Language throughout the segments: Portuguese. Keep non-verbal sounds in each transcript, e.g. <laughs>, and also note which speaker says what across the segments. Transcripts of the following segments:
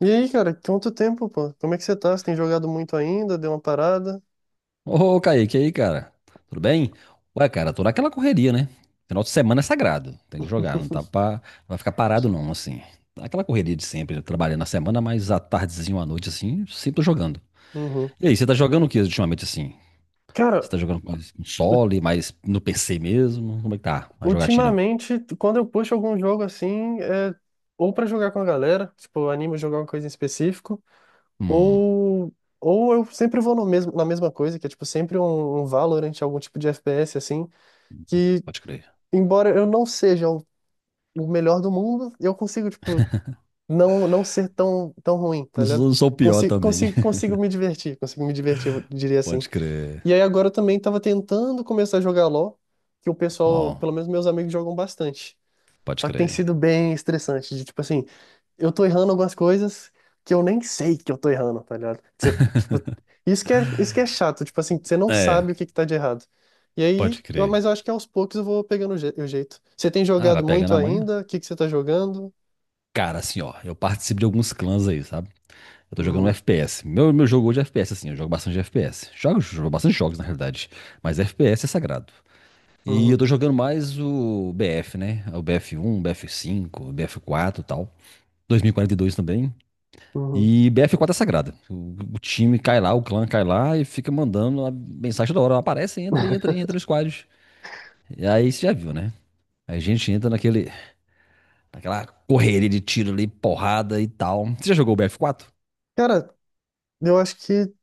Speaker 1: E aí, cara, quanto tempo, pô? Como é que você tá? Você tem jogado muito ainda? Deu uma parada?
Speaker 2: Ô, Kaique, e aí, cara? Tudo bem? Ué, cara, tô naquela correria, né? Final de semana é sagrado. Tem que jogar, não vai ficar parado não, assim. Tá, aquela correria de sempre, né? Trabalhando na semana, mas à tardezinha ou à noite, assim, sempre tô jogando.
Speaker 1: Uhum.
Speaker 2: E aí, você tá jogando o que ultimamente, assim? Você
Speaker 1: Cara,
Speaker 2: tá jogando com
Speaker 1: u-
Speaker 2: console, mas no PC mesmo? Como é que tá a jogatina?
Speaker 1: ultimamente, quando eu puxo algum jogo assim, ou pra jogar com a galera, tipo, eu animo a jogar uma coisa em específico,
Speaker 2: Hum,
Speaker 1: ou ou eu sempre vou no mesmo, na mesma coisa, que é tipo sempre um Valorant, algum tipo de FPS assim, que
Speaker 2: pode crer.
Speaker 1: embora eu não seja o melhor do mundo, eu consigo, tipo, não ser tão ruim, tá
Speaker 2: Não sou,
Speaker 1: ligado?
Speaker 2: não sou o pior
Speaker 1: Consigo,
Speaker 2: também.
Speaker 1: consigo,
Speaker 2: <laughs>
Speaker 1: consigo me divertir, consigo me divertir, eu diria assim.
Speaker 2: Pode crer.
Speaker 1: E aí agora eu também tava tentando começar a jogar LoL, que o pessoal, pelo
Speaker 2: Ó,
Speaker 1: menos meus amigos jogam bastante.
Speaker 2: pode
Speaker 1: Só que tem
Speaker 2: crer.
Speaker 1: sido bem estressante, de tipo assim, eu tô errando algumas coisas que eu nem sei que eu tô errando, tá ligado? Você, tipo, isso que é chato, tipo assim, você não
Speaker 2: É,
Speaker 1: sabe o que que tá de errado. E aí,
Speaker 2: pode crer.
Speaker 1: mas eu acho que aos poucos eu vou pegando o jeito. Você tem
Speaker 2: Ah,
Speaker 1: jogado
Speaker 2: vai pegando
Speaker 1: muito
Speaker 2: amanhã?
Speaker 1: ainda? O que que você tá jogando?
Speaker 2: Cara, assim, ó, eu participo de alguns clãs aí, sabe? Eu tô jogando
Speaker 1: Uhum,
Speaker 2: FPS. Meu jogo hoje é FPS, assim. Eu jogo bastante FPS. Jogo bastante jogos, na realidade. Mas FPS é sagrado. E eu
Speaker 1: uhum,
Speaker 2: tô jogando mais o BF, né? O BF1, BF5, BF4 e tal. 2042 também.
Speaker 1: uhum.
Speaker 2: E BF quatro é sagrada. O time cai lá, o clã cai lá e fica mandando a mensagem da hora. Aparece, entra, entra, entra no squad. E aí você já viu, né? Aí a gente entra naquela correria de tiro ali, porrada e tal. Você já jogou o BF quatro?
Speaker 1: Cara, eu acho que,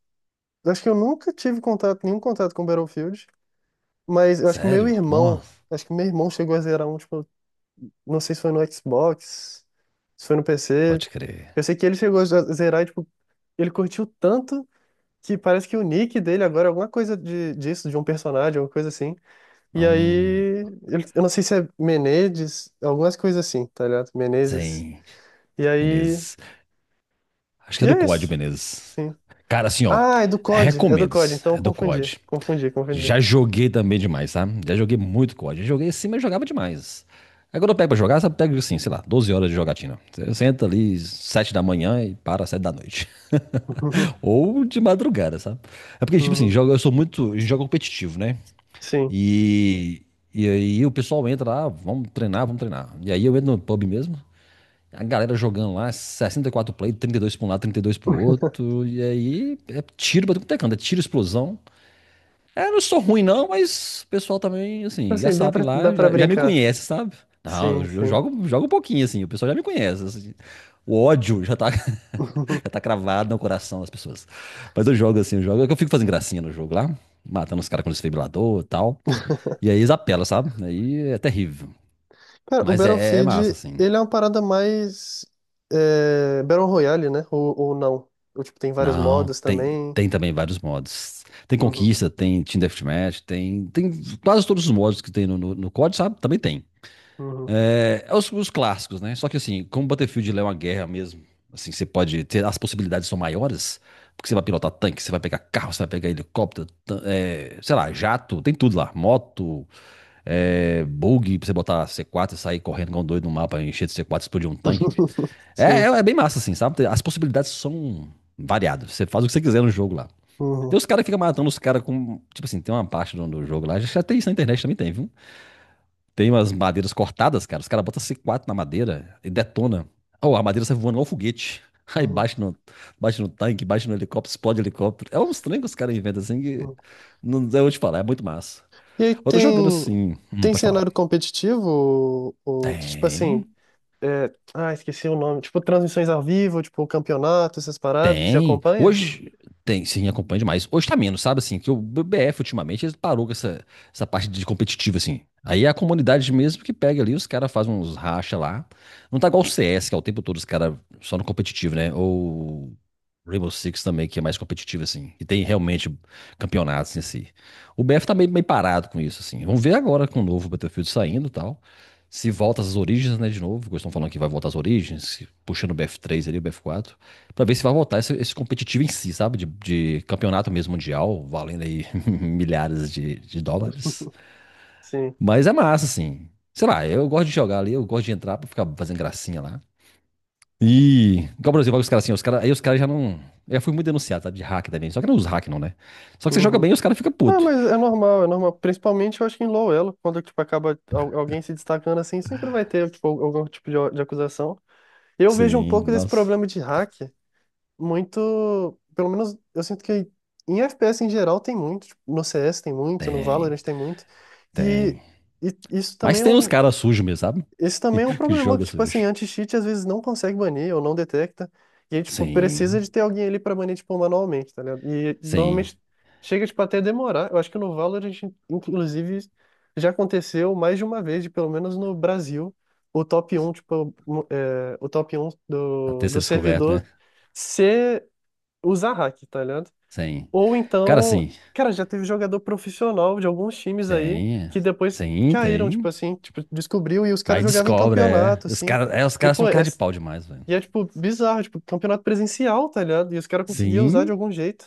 Speaker 1: eu acho que eu nunca tive contato, nenhum contato com Battlefield. Mas eu acho que o meu
Speaker 2: Sério?
Speaker 1: irmão,
Speaker 2: Nossa,
Speaker 1: acho que meu irmão chegou a zerar um, tipo, não sei se foi no Xbox, se foi no PC.
Speaker 2: pode crer.
Speaker 1: Eu sei que ele chegou a zerar e, tipo, ele curtiu tanto que parece que o nick dele agora é alguma coisa de, disso, de um personagem, alguma coisa assim. E
Speaker 2: Hum,
Speaker 1: aí, eu não sei se é Menezes, algumas coisas assim, tá ligado? Menezes.
Speaker 2: sim,
Speaker 1: E aí,
Speaker 2: Menezes. Acho que é do
Speaker 1: é
Speaker 2: COD,
Speaker 1: isso.
Speaker 2: Menezes.
Speaker 1: Sim.
Speaker 2: Cara, assim, ó.
Speaker 1: Ah, é do COD, é do
Speaker 2: Recomendo.
Speaker 1: COD, então eu
Speaker 2: É do
Speaker 1: confundi,
Speaker 2: COD.
Speaker 1: confundi, confundi.
Speaker 2: Já joguei também demais, tá? Já joguei muito COD. Já joguei assim, mas jogava demais. Aí quando eu pego pra jogar, sabe, pego assim, sei lá, 12 horas de jogatina. Você senta ali 7 da manhã e para 7 da noite. <laughs>
Speaker 1: <laughs>
Speaker 2: Ou de madrugada, sabe? É porque, tipo assim,
Speaker 1: Uhum.
Speaker 2: jogo, eu sou muito. A gente joga competitivo, né?
Speaker 1: Sim.
Speaker 2: E. E aí o pessoal entra lá: "Ah, vamos treinar, vamos treinar." E aí eu entro no pub mesmo, a galera jogando lá, 64 play, 32 pra um lado, 32 pro outro. E aí, é tiro pra tudo tecando é tiro, explosão. É, não sou ruim não, mas o pessoal também, assim, já
Speaker 1: Assim, dá
Speaker 2: sabe
Speaker 1: pra, dá
Speaker 2: lá,
Speaker 1: pra
Speaker 2: já me
Speaker 1: brincar.
Speaker 2: conhece, sabe? Não,
Speaker 1: Sim,
Speaker 2: eu
Speaker 1: sim.
Speaker 2: jogo, jogo um pouquinho, assim, o pessoal já me conhece, assim. O ódio já tá, <laughs> já tá
Speaker 1: <laughs>
Speaker 2: cravado no coração das pessoas. Mas eu jogo assim, eu jogo, eu fico fazendo gracinha no jogo lá, matando os caras com desfibrilador e tal. E aí eles apelam, sabe? Aí é terrível.
Speaker 1: Cara, o
Speaker 2: Mas é, massa,
Speaker 1: Battlefield,
Speaker 2: assim.
Speaker 1: ele é uma parada mais Battle Royale, né? Ou não. Ou, tipo, tem vários
Speaker 2: Não,
Speaker 1: modos
Speaker 2: tem,
Speaker 1: também.
Speaker 2: tem também vários modos. Tem
Speaker 1: Uhum,
Speaker 2: Conquista, tem Team Deathmatch, tem quase todos os modos que tem no COD, sabe? Também tem.
Speaker 1: uhum.
Speaker 2: É os clássicos, né? Só que assim, como Battlefield ele é uma guerra mesmo, assim, você pode ter, as possibilidades são maiores, porque você vai pilotar tanque, você vai pegar carro, você vai pegar helicóptero, é, sei lá, jato, tem tudo lá, moto, é, bug pra você botar C4 e sair correndo igual um doido no mapa, encher de C4, explodir um tanque.
Speaker 1: <laughs>
Speaker 2: É, é,
Speaker 1: Sim.
Speaker 2: é bem massa, assim, sabe? As possibilidades são variadas. Você faz o que você quiser no jogo lá. Tem
Speaker 1: Uhum,
Speaker 2: os caras que ficam matando os caras com. Tipo assim, tem uma parte do jogo lá. Já tem isso na internet também, tem, viu? Tem umas madeiras cortadas, cara. Os caras botam C4 na madeira e detona. Oh, a madeira sai voando igual foguete. <laughs> Aí
Speaker 1: uhum,
Speaker 2: bate no tanque, bate no helicóptero, explode o helicóptero. É uns trem que os caras inventam assim que.
Speaker 1: uhum.
Speaker 2: Não, eu vou te falar, é muito massa.
Speaker 1: E aí
Speaker 2: Eu tô jogando
Speaker 1: tem,
Speaker 2: assim. Hum,
Speaker 1: tem
Speaker 2: pode falar.
Speaker 1: cenário competitivo? Ou, tipo assim,
Speaker 2: Tem.
Speaker 1: ah, esqueci o nome. Tipo, transmissões ao vivo, tipo, campeonato, essas paradas. Você
Speaker 2: Tem.
Speaker 1: acompanha?
Speaker 2: Hoje tem, sim, acompanha demais. Hoje tá menos, sabe assim, que o BF ultimamente ele parou com essa parte de competitiva assim. Aí é a comunidade mesmo que pega ali, os caras fazem uns racha lá. Não tá igual o CS, que é o tempo todo os caras só no competitivo, né? Ou Rainbow Six também, que é mais competitivo assim, e tem realmente campeonatos em si. O BF tá meio, meio parado com isso assim. Vamos ver agora com o novo Battlefield saindo, e tal. Se volta às origens, né, de novo, que eles estão falando que vai voltar às origens, puxando o BF três ali, o BF quatro, pra ver se vai voltar esse competitivo em si, sabe? De campeonato mesmo mundial, valendo aí <laughs> milhares de dólares.
Speaker 1: Sim.
Speaker 2: Mas é massa, assim. Sei lá, eu gosto de jogar ali, eu gosto de entrar pra ficar fazendo gracinha lá. E, igual, por exemplo, os caras assim, os cara, aí os caras já não. Eu já fui muito denunciado, tá? De hack também. Só que não os hack, não, né? Só que você joga
Speaker 1: Uhum.
Speaker 2: bem e os caras ficam
Speaker 1: Ah,
Speaker 2: putos.
Speaker 1: mas é normal, é normal. Principalmente, eu acho que em low elo, quando, tipo, acaba alguém se destacando assim, sempre vai ter, tipo, algum tipo de acusação. Eu vejo um
Speaker 2: Sim,
Speaker 1: pouco desse
Speaker 2: nossa.
Speaker 1: problema de hack muito. Pelo menos, eu sinto que em FPS em geral tem muito. Tipo, no CS tem muito, no
Speaker 2: Tem,
Speaker 1: Valorant tem muito. E,
Speaker 2: tem.
Speaker 1: e isso
Speaker 2: Mas
Speaker 1: também é
Speaker 2: tem os
Speaker 1: um,
Speaker 2: caras sujos mesmo, sabe?
Speaker 1: esse também é um
Speaker 2: Que
Speaker 1: problema que,
Speaker 2: joga
Speaker 1: tipo assim,
Speaker 2: sujo.
Speaker 1: anti-cheat às vezes não consegue banir ou não detecta. E aí, tipo, precisa
Speaker 2: Sim,
Speaker 1: de ter alguém ali pra banir, tipo, manualmente, tá ligado? E
Speaker 2: sim.
Speaker 1: normalmente chega, tipo, até demorar. Eu acho que no Valorant, inclusive, já aconteceu mais de uma vez, de, pelo menos no Brasil, o top um tipo, o top um
Speaker 2: Até
Speaker 1: do,
Speaker 2: ser
Speaker 1: do
Speaker 2: descoberto,
Speaker 1: servidor
Speaker 2: né?
Speaker 1: ser usar hack, tá ligado?
Speaker 2: Sim.
Speaker 1: Ou
Speaker 2: Cara,
Speaker 1: então,
Speaker 2: assim.
Speaker 1: cara, já teve jogador profissional de alguns times aí
Speaker 2: Sim,
Speaker 1: que depois
Speaker 2: sim,
Speaker 1: caíram, tipo
Speaker 2: tem.
Speaker 1: assim, tipo, descobriu e os caras
Speaker 2: Aí
Speaker 1: jogavam em
Speaker 2: descobre, é.
Speaker 1: campeonato,
Speaker 2: E
Speaker 1: assim.
Speaker 2: os
Speaker 1: E,
Speaker 2: caras são
Speaker 1: pô,
Speaker 2: um cara de pau demais, velho.
Speaker 1: e é, tipo, bizarro, tipo, campeonato presencial, tá ligado? E os caras conseguiam usar de
Speaker 2: Sim,
Speaker 1: algum jeito.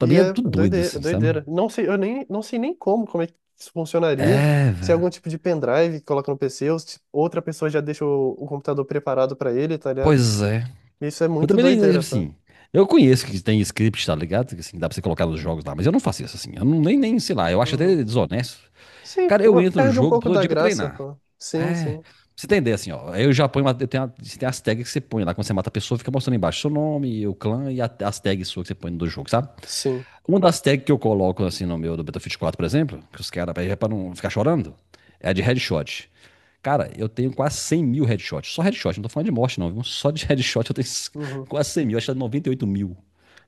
Speaker 1: E
Speaker 2: é
Speaker 1: é
Speaker 2: tudo doido,
Speaker 1: doideira,
Speaker 2: assim, sabe?
Speaker 1: doideira. Não sei, eu nem, não sei nem como é que isso funcionaria.
Speaker 2: É,
Speaker 1: Se é algum
Speaker 2: velho.
Speaker 1: tipo de pendrive que coloca no PC, ou se outra pessoa já deixa o computador preparado pra ele, tá ligado?
Speaker 2: Pois é.
Speaker 1: Isso é
Speaker 2: Eu
Speaker 1: muito
Speaker 2: também nem,
Speaker 1: doideira, pô.
Speaker 2: assim, eu conheço que tem script, tá ligado? Que, assim, dá pra você colocar nos jogos lá, mas eu não faço isso, assim. Eu não, nem, sei lá, eu acho
Speaker 1: Uhum.
Speaker 2: até desonesto.
Speaker 1: Sim,
Speaker 2: Cara, eu entro no
Speaker 1: perde um
Speaker 2: jogo
Speaker 1: pouco
Speaker 2: todo
Speaker 1: da
Speaker 2: dia pra
Speaker 1: graça,
Speaker 2: treinar.
Speaker 1: pô. Sim,
Speaker 2: É. Pra
Speaker 1: sim.
Speaker 2: você entender, assim, ó. Aí eu já ponho, eu tenho, tem as tags que você põe lá. Quando você mata a pessoa, fica mostrando embaixo seu nome, o clã e as tags suas que você põe no do jogo, sabe?
Speaker 1: Sim.
Speaker 2: Uma das tags que eu coloco assim no meu do Battlefield quatro, por exemplo, que os caras, é pra não ficar chorando, é a de headshot. Cara, eu tenho quase 100 mil headshots. Só headshot, não tô falando de morte, não. Viu? Só de <laughs> headshot eu tenho
Speaker 1: Uhum.
Speaker 2: quase 100 mil. Acho que é 98 mil.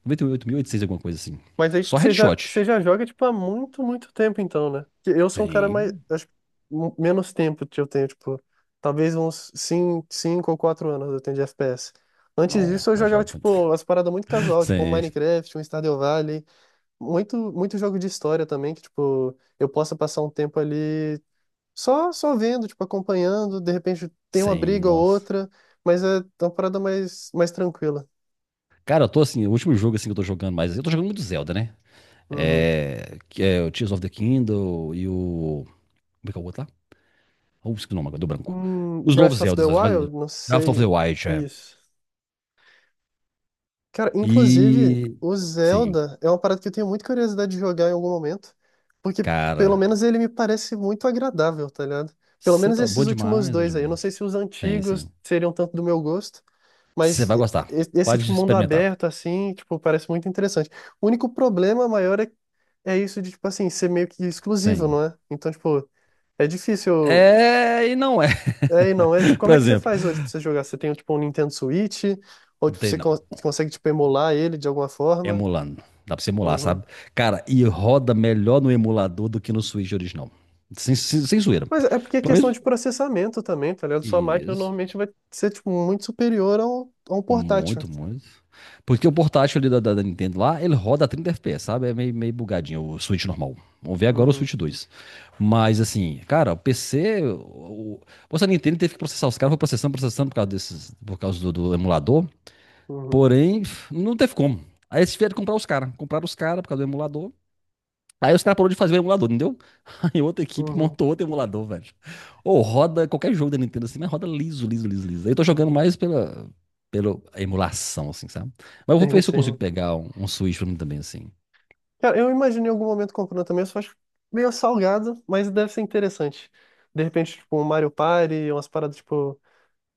Speaker 2: 98.800, alguma coisa assim.
Speaker 1: Mas aí
Speaker 2: Só
Speaker 1: você já, você
Speaker 2: headshot.
Speaker 1: já joga, tipo, há muito, muito tempo, então, né? Porque eu sou um cara mais.
Speaker 2: Sim.
Speaker 1: Acho, que menos tempo que eu tenho, tipo. Talvez uns cinco cinco ou 4 anos eu tenho de FPS. Antes
Speaker 2: Não,
Speaker 1: disso, eu
Speaker 2: não
Speaker 1: jogava,
Speaker 2: jogo muito.
Speaker 1: tipo, as paradas muito
Speaker 2: <laughs>
Speaker 1: casual, tipo, um
Speaker 2: Sim,
Speaker 1: Minecraft, um Stardew Valley. Muito, muito jogo de história também, que, tipo, eu possa passar um tempo ali só vendo, tipo, acompanhando. De repente tem uma
Speaker 2: sim,
Speaker 1: briga ou
Speaker 2: nossa.
Speaker 1: outra, mas é uma parada mais tranquila.
Speaker 2: Cara, eu tô assim, o último jogo assim que eu tô jogando mais, eu tô jogando muito Zelda, né?
Speaker 1: Uhum.
Speaker 2: É, que é o Tears of the Kingdom e o. Como é que é o outro lá? Ou esqueci o nome agora, do branco. Os novos
Speaker 1: Breath of the
Speaker 2: Zeldas, mas
Speaker 1: Wild? Não
Speaker 2: Breath of the
Speaker 1: sei.
Speaker 2: Wild, é.
Speaker 1: Isso. Cara, inclusive,
Speaker 2: E.
Speaker 1: o
Speaker 2: Sim,
Speaker 1: Zelda é uma parada que eu tenho muita curiosidade de jogar em algum momento, porque pelo
Speaker 2: cara.
Speaker 1: menos ele me parece muito agradável, tá ligado? Pelo
Speaker 2: Você
Speaker 1: menos
Speaker 2: tá bom
Speaker 1: esses últimos
Speaker 2: demais, bom
Speaker 1: dois aí. Eu não sei
Speaker 2: demais.
Speaker 1: se os
Speaker 2: Tem,
Speaker 1: antigos
Speaker 2: sim.
Speaker 1: seriam tanto do meu gosto,
Speaker 2: Você
Speaker 1: mas
Speaker 2: vai gostar.
Speaker 1: esse
Speaker 2: Pode
Speaker 1: tipo mundo
Speaker 2: experimentar.
Speaker 1: aberto, assim, tipo, parece muito interessante. O único problema maior é isso de, tipo assim, ser meio que exclusivo,
Speaker 2: Sim.
Speaker 1: não é? Então, tipo, é difícil.
Speaker 2: É e não é.
Speaker 1: É, e não, é
Speaker 2: <laughs>
Speaker 1: tipo,
Speaker 2: Por
Speaker 1: como é que você
Speaker 2: exemplo,
Speaker 1: faz hoje pra você jogar? Você tem tipo um Nintendo Switch? Ou tipo,
Speaker 2: tem
Speaker 1: você
Speaker 2: não.
Speaker 1: consegue tipo, emular ele de alguma forma?
Speaker 2: Emulando. Dá pra você emular,
Speaker 1: Uhum.
Speaker 2: sabe? Cara, e roda melhor no emulador do que no Switch original. Sem zoeira.
Speaker 1: Mas é porque é
Speaker 2: Pelo
Speaker 1: questão
Speaker 2: menos.
Speaker 1: de processamento também, tá ligado? Sua máquina
Speaker 2: Isso.
Speaker 1: normalmente vai ser tipo, muito superior ao, a um portátil.
Speaker 2: Muito, muito. Porque o portátil ali da Nintendo lá, ele roda a 30 FPS, sabe? É meio, meio bugadinho o Switch normal. Vamos ver agora o
Speaker 1: Uhum,
Speaker 2: Switch dois. Mas assim, cara, o PC. O... Você, a Nintendo teve que processar os caras, foi processando, processando por causa desses, por causa do emulador.
Speaker 1: uhum,
Speaker 2: Porém, não teve como. Aí eles tiveram que comprar os caras. Compraram os caras por causa do emulador. Aí os caras pararam de fazer o emulador, entendeu? <laughs> E outra equipe
Speaker 1: uhum,
Speaker 2: montou outro emulador, velho. Ou roda qualquer jogo da Nintendo assim, mas roda liso, liso, liso, liso. Eu tô jogando
Speaker 1: uhum.
Speaker 2: mais pela emulação, assim, sabe?
Speaker 1: <laughs>
Speaker 2: Mas eu vou
Speaker 1: Sim,
Speaker 2: ver se eu consigo
Speaker 1: sim.
Speaker 2: pegar um, Switch pra mim também, assim.
Speaker 1: Cara, eu imaginei em algum momento comprando também, eu só acho meio salgado, mas deve ser interessante. De repente, tipo, um Mario Party, umas paradas tipo.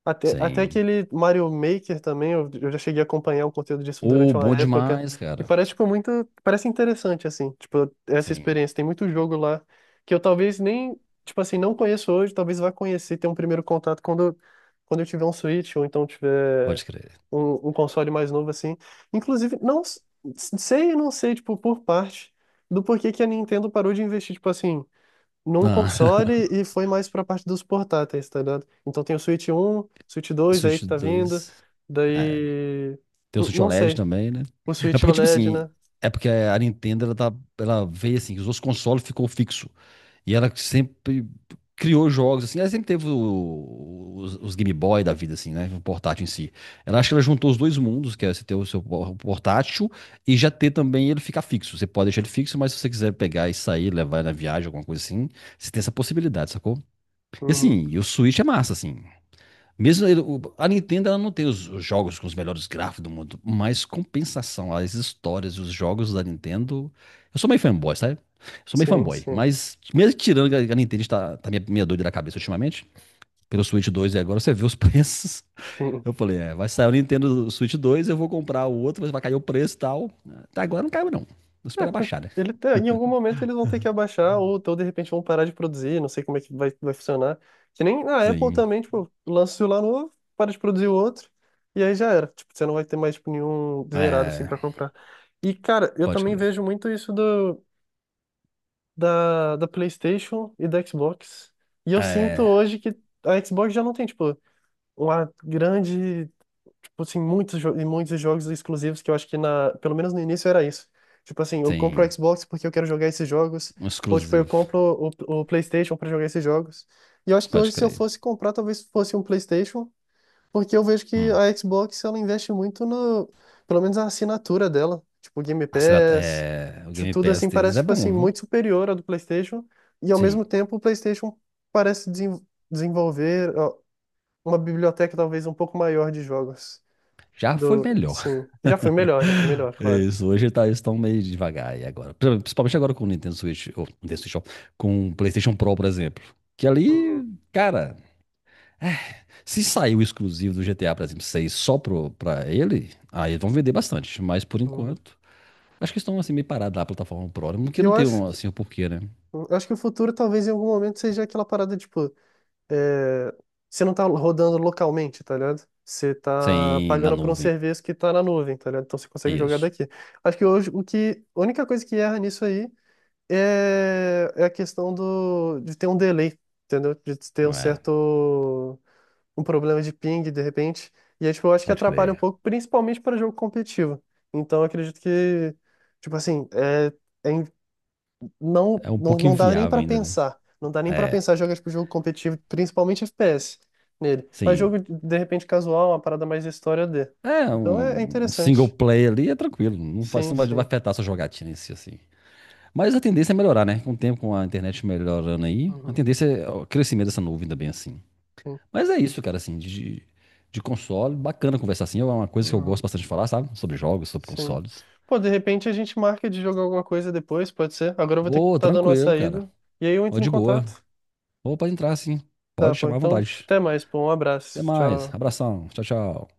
Speaker 1: Até
Speaker 2: Sim.
Speaker 1: aquele Mario Maker também, eu já cheguei a acompanhar o conteúdo disso
Speaker 2: Ô,
Speaker 1: durante uma
Speaker 2: bom
Speaker 1: época.
Speaker 2: demais,
Speaker 1: E
Speaker 2: cara.
Speaker 1: parece, tipo, muito. Parece interessante, assim, tipo, essa
Speaker 2: Sim,
Speaker 1: experiência. Tem muito jogo lá que eu talvez nem, tipo assim, não conheço hoje, talvez vá conhecer, ter um primeiro contato quando eu tiver um Switch ou então tiver
Speaker 2: pode crer.
Speaker 1: um console mais novo, assim. Inclusive, não sei e não sei, tipo, por parte do porquê que a Nintendo parou de investir, tipo assim num
Speaker 2: Ah,
Speaker 1: console e foi mais pra parte dos portáteis, tá ligado? Então tem o Switch um, Switch
Speaker 2: <laughs>
Speaker 1: dois aí
Speaker 2: Switch
Speaker 1: que tá vindo,
Speaker 2: dois. É,
Speaker 1: daí.
Speaker 2: tem o Switch
Speaker 1: Não
Speaker 2: OLED
Speaker 1: sei.
Speaker 2: também, né?
Speaker 1: O
Speaker 2: É
Speaker 1: Switch
Speaker 2: porque, tipo
Speaker 1: OLED,
Speaker 2: assim,
Speaker 1: né?
Speaker 2: é porque a Nintendo, ela, tá, ela veio assim, que os outros consoles ficou fixo. E ela sempre criou jogos, assim. Ela sempre teve os Game Boy da vida, assim, né? O portátil em si. Ela acha que ela juntou os dois mundos, que é você ter o seu portátil e já ter também ele ficar fixo. Você pode deixar ele fixo, mas se você quiser pegar e sair, levar na viagem, alguma coisa assim, você tem essa possibilidade, sacou? E
Speaker 1: Uhum.
Speaker 2: assim, e o Switch é massa, assim. Mesmo a Nintendo ela não tem os jogos com os melhores gráficos do mundo, mas compensação, as histórias, os jogos da Nintendo. Eu sou meio fanboy, sabe? Eu sou meio
Speaker 1: Sim,
Speaker 2: fanboy,
Speaker 1: sim,
Speaker 2: mas mesmo tirando que a Nintendo está tá minha doida da cabeça ultimamente, pelo Switch 2 e agora você vê os <laughs> preços.
Speaker 1: sim.
Speaker 2: Eu falei, é, vai sair o Nintendo Switch dois, eu vou comprar o outro, mas vai cair o preço e tal. Até agora não caiu, não. Vou
Speaker 1: É,
Speaker 2: esperar baixar, né?
Speaker 1: ele, em algum momento eles vão ter que abaixar, ou então de repente vão parar de produzir, não sei como é que vai funcionar. Que nem a Apple
Speaker 2: Sim.
Speaker 1: também, tipo, lança o celular novo, para de produzir o outro, e aí já era. Tipo, você não vai ter mais, tipo, nenhum zerado assim
Speaker 2: É,
Speaker 1: pra comprar. E, cara, eu
Speaker 2: pode
Speaker 1: também
Speaker 2: crer.
Speaker 1: vejo muito isso da PlayStation e da Xbox. E eu sinto
Speaker 2: É,
Speaker 1: hoje que a Xbox já não tem, tipo, uma grande, tipo assim, muitos, e muitos jogos exclusivos que eu acho que na, pelo menos no início era isso. Tipo assim, eu compro o
Speaker 2: tem
Speaker 1: Xbox porque eu quero jogar esses jogos,
Speaker 2: um
Speaker 1: ou tipo, eu
Speaker 2: exclusivo.
Speaker 1: compro o PlayStation para jogar esses jogos. E eu acho que
Speaker 2: Pode
Speaker 1: hoje se eu
Speaker 2: crer.
Speaker 1: fosse comprar, talvez fosse um PlayStation porque eu vejo que
Speaker 2: Hum.
Speaker 1: a Xbox ela investe muito no, pelo menos a assinatura dela, tipo Game
Speaker 2: Ah, será,
Speaker 1: Pass,
Speaker 2: é, o Game
Speaker 1: tudo
Speaker 2: Pass
Speaker 1: assim
Speaker 2: deles
Speaker 1: parece
Speaker 2: é
Speaker 1: tipo
Speaker 2: bom,
Speaker 1: assim
Speaker 2: viu?
Speaker 1: muito superior à do PlayStation e ao
Speaker 2: Sim,
Speaker 1: mesmo tempo o PlayStation parece desenvolver ó, uma biblioteca talvez um pouco maior de jogos
Speaker 2: já foi
Speaker 1: do,
Speaker 2: melhor.
Speaker 1: sim, já foi melhor,
Speaker 2: <laughs>
Speaker 1: claro.
Speaker 2: Isso, hoje tá, eles estão meio devagar aí agora. Principalmente agora com o Nintendo Switch, ou Nintendo Switch, ó, com o PlayStation Pro, por exemplo. Que ali,
Speaker 1: Uhum,
Speaker 2: cara, se sair o exclusivo do GTA, por exemplo, 6 só pra ele, aí eles vão vender bastante. Mas por
Speaker 1: uhum.
Speaker 2: enquanto, acho que estão assim meio parados na plataforma Pro, né? Porque
Speaker 1: E
Speaker 2: não
Speaker 1: eu
Speaker 2: tem
Speaker 1: acho
Speaker 2: um,
Speaker 1: que
Speaker 2: assim o porquê, né?
Speaker 1: eu acho que o futuro talvez em algum momento seja aquela parada tipo é, você não tá rodando localmente, tá ligado? Você tá
Speaker 2: Sem na
Speaker 1: pagando por um
Speaker 2: nuvem.
Speaker 1: serviço que tá na nuvem, tá ligado? Então você
Speaker 2: É
Speaker 1: consegue jogar
Speaker 2: isso.
Speaker 1: daqui. Acho que hoje o que, a única coisa que erra nisso aí é a questão do, de ter um delay, entendeu? De ter um
Speaker 2: É,
Speaker 1: certo, um problema de ping, de repente. E aí, tipo, eu acho que
Speaker 2: pode
Speaker 1: atrapalha um
Speaker 2: crer.
Speaker 1: pouco, principalmente para jogo competitivo. Então eu acredito que, tipo assim, é não,
Speaker 2: É um pouco
Speaker 1: dá nem
Speaker 2: inviável
Speaker 1: pra
Speaker 2: ainda, né?
Speaker 1: pensar. Não dá nem pra
Speaker 2: É.
Speaker 1: pensar jogar tipo jogo competitivo, principalmente FPS nele. Mas
Speaker 2: Sim.
Speaker 1: jogo de repente casual, uma parada mais história D.
Speaker 2: É,
Speaker 1: Então é
Speaker 2: um single
Speaker 1: interessante.
Speaker 2: player ali é tranquilo. Não faz,
Speaker 1: Sim,
Speaker 2: não vai
Speaker 1: sim.
Speaker 2: afetar a sua jogatina em si, assim. Mas a tendência é melhorar, né? Com o tempo, com a internet melhorando aí, a
Speaker 1: Uhum,
Speaker 2: tendência é o crescimento dessa nuvem também, assim.
Speaker 1: sim.
Speaker 2: Mas é isso, cara, assim, de console. Bacana conversar assim. É uma coisa que eu gosto
Speaker 1: Uhum,
Speaker 2: bastante de falar, sabe? Sobre jogos, sobre
Speaker 1: sim.
Speaker 2: consoles.
Speaker 1: Pô, de repente a gente marca de jogar alguma coisa depois, pode ser? Agora eu vou ter que
Speaker 2: Ô,
Speaker 1: estar dando uma
Speaker 2: tranquilo, cara.
Speaker 1: saída. E aí eu
Speaker 2: Ô,
Speaker 1: entro em
Speaker 2: de boa.
Speaker 1: contato.
Speaker 2: Ô, pode entrar, sim.
Speaker 1: Tá,
Speaker 2: Pode
Speaker 1: pô.
Speaker 2: chamar à
Speaker 1: Então,
Speaker 2: vontade.
Speaker 1: até mais, pô. Um
Speaker 2: Até
Speaker 1: abraço.
Speaker 2: mais.
Speaker 1: Tchau.
Speaker 2: Abração. Tchau, tchau.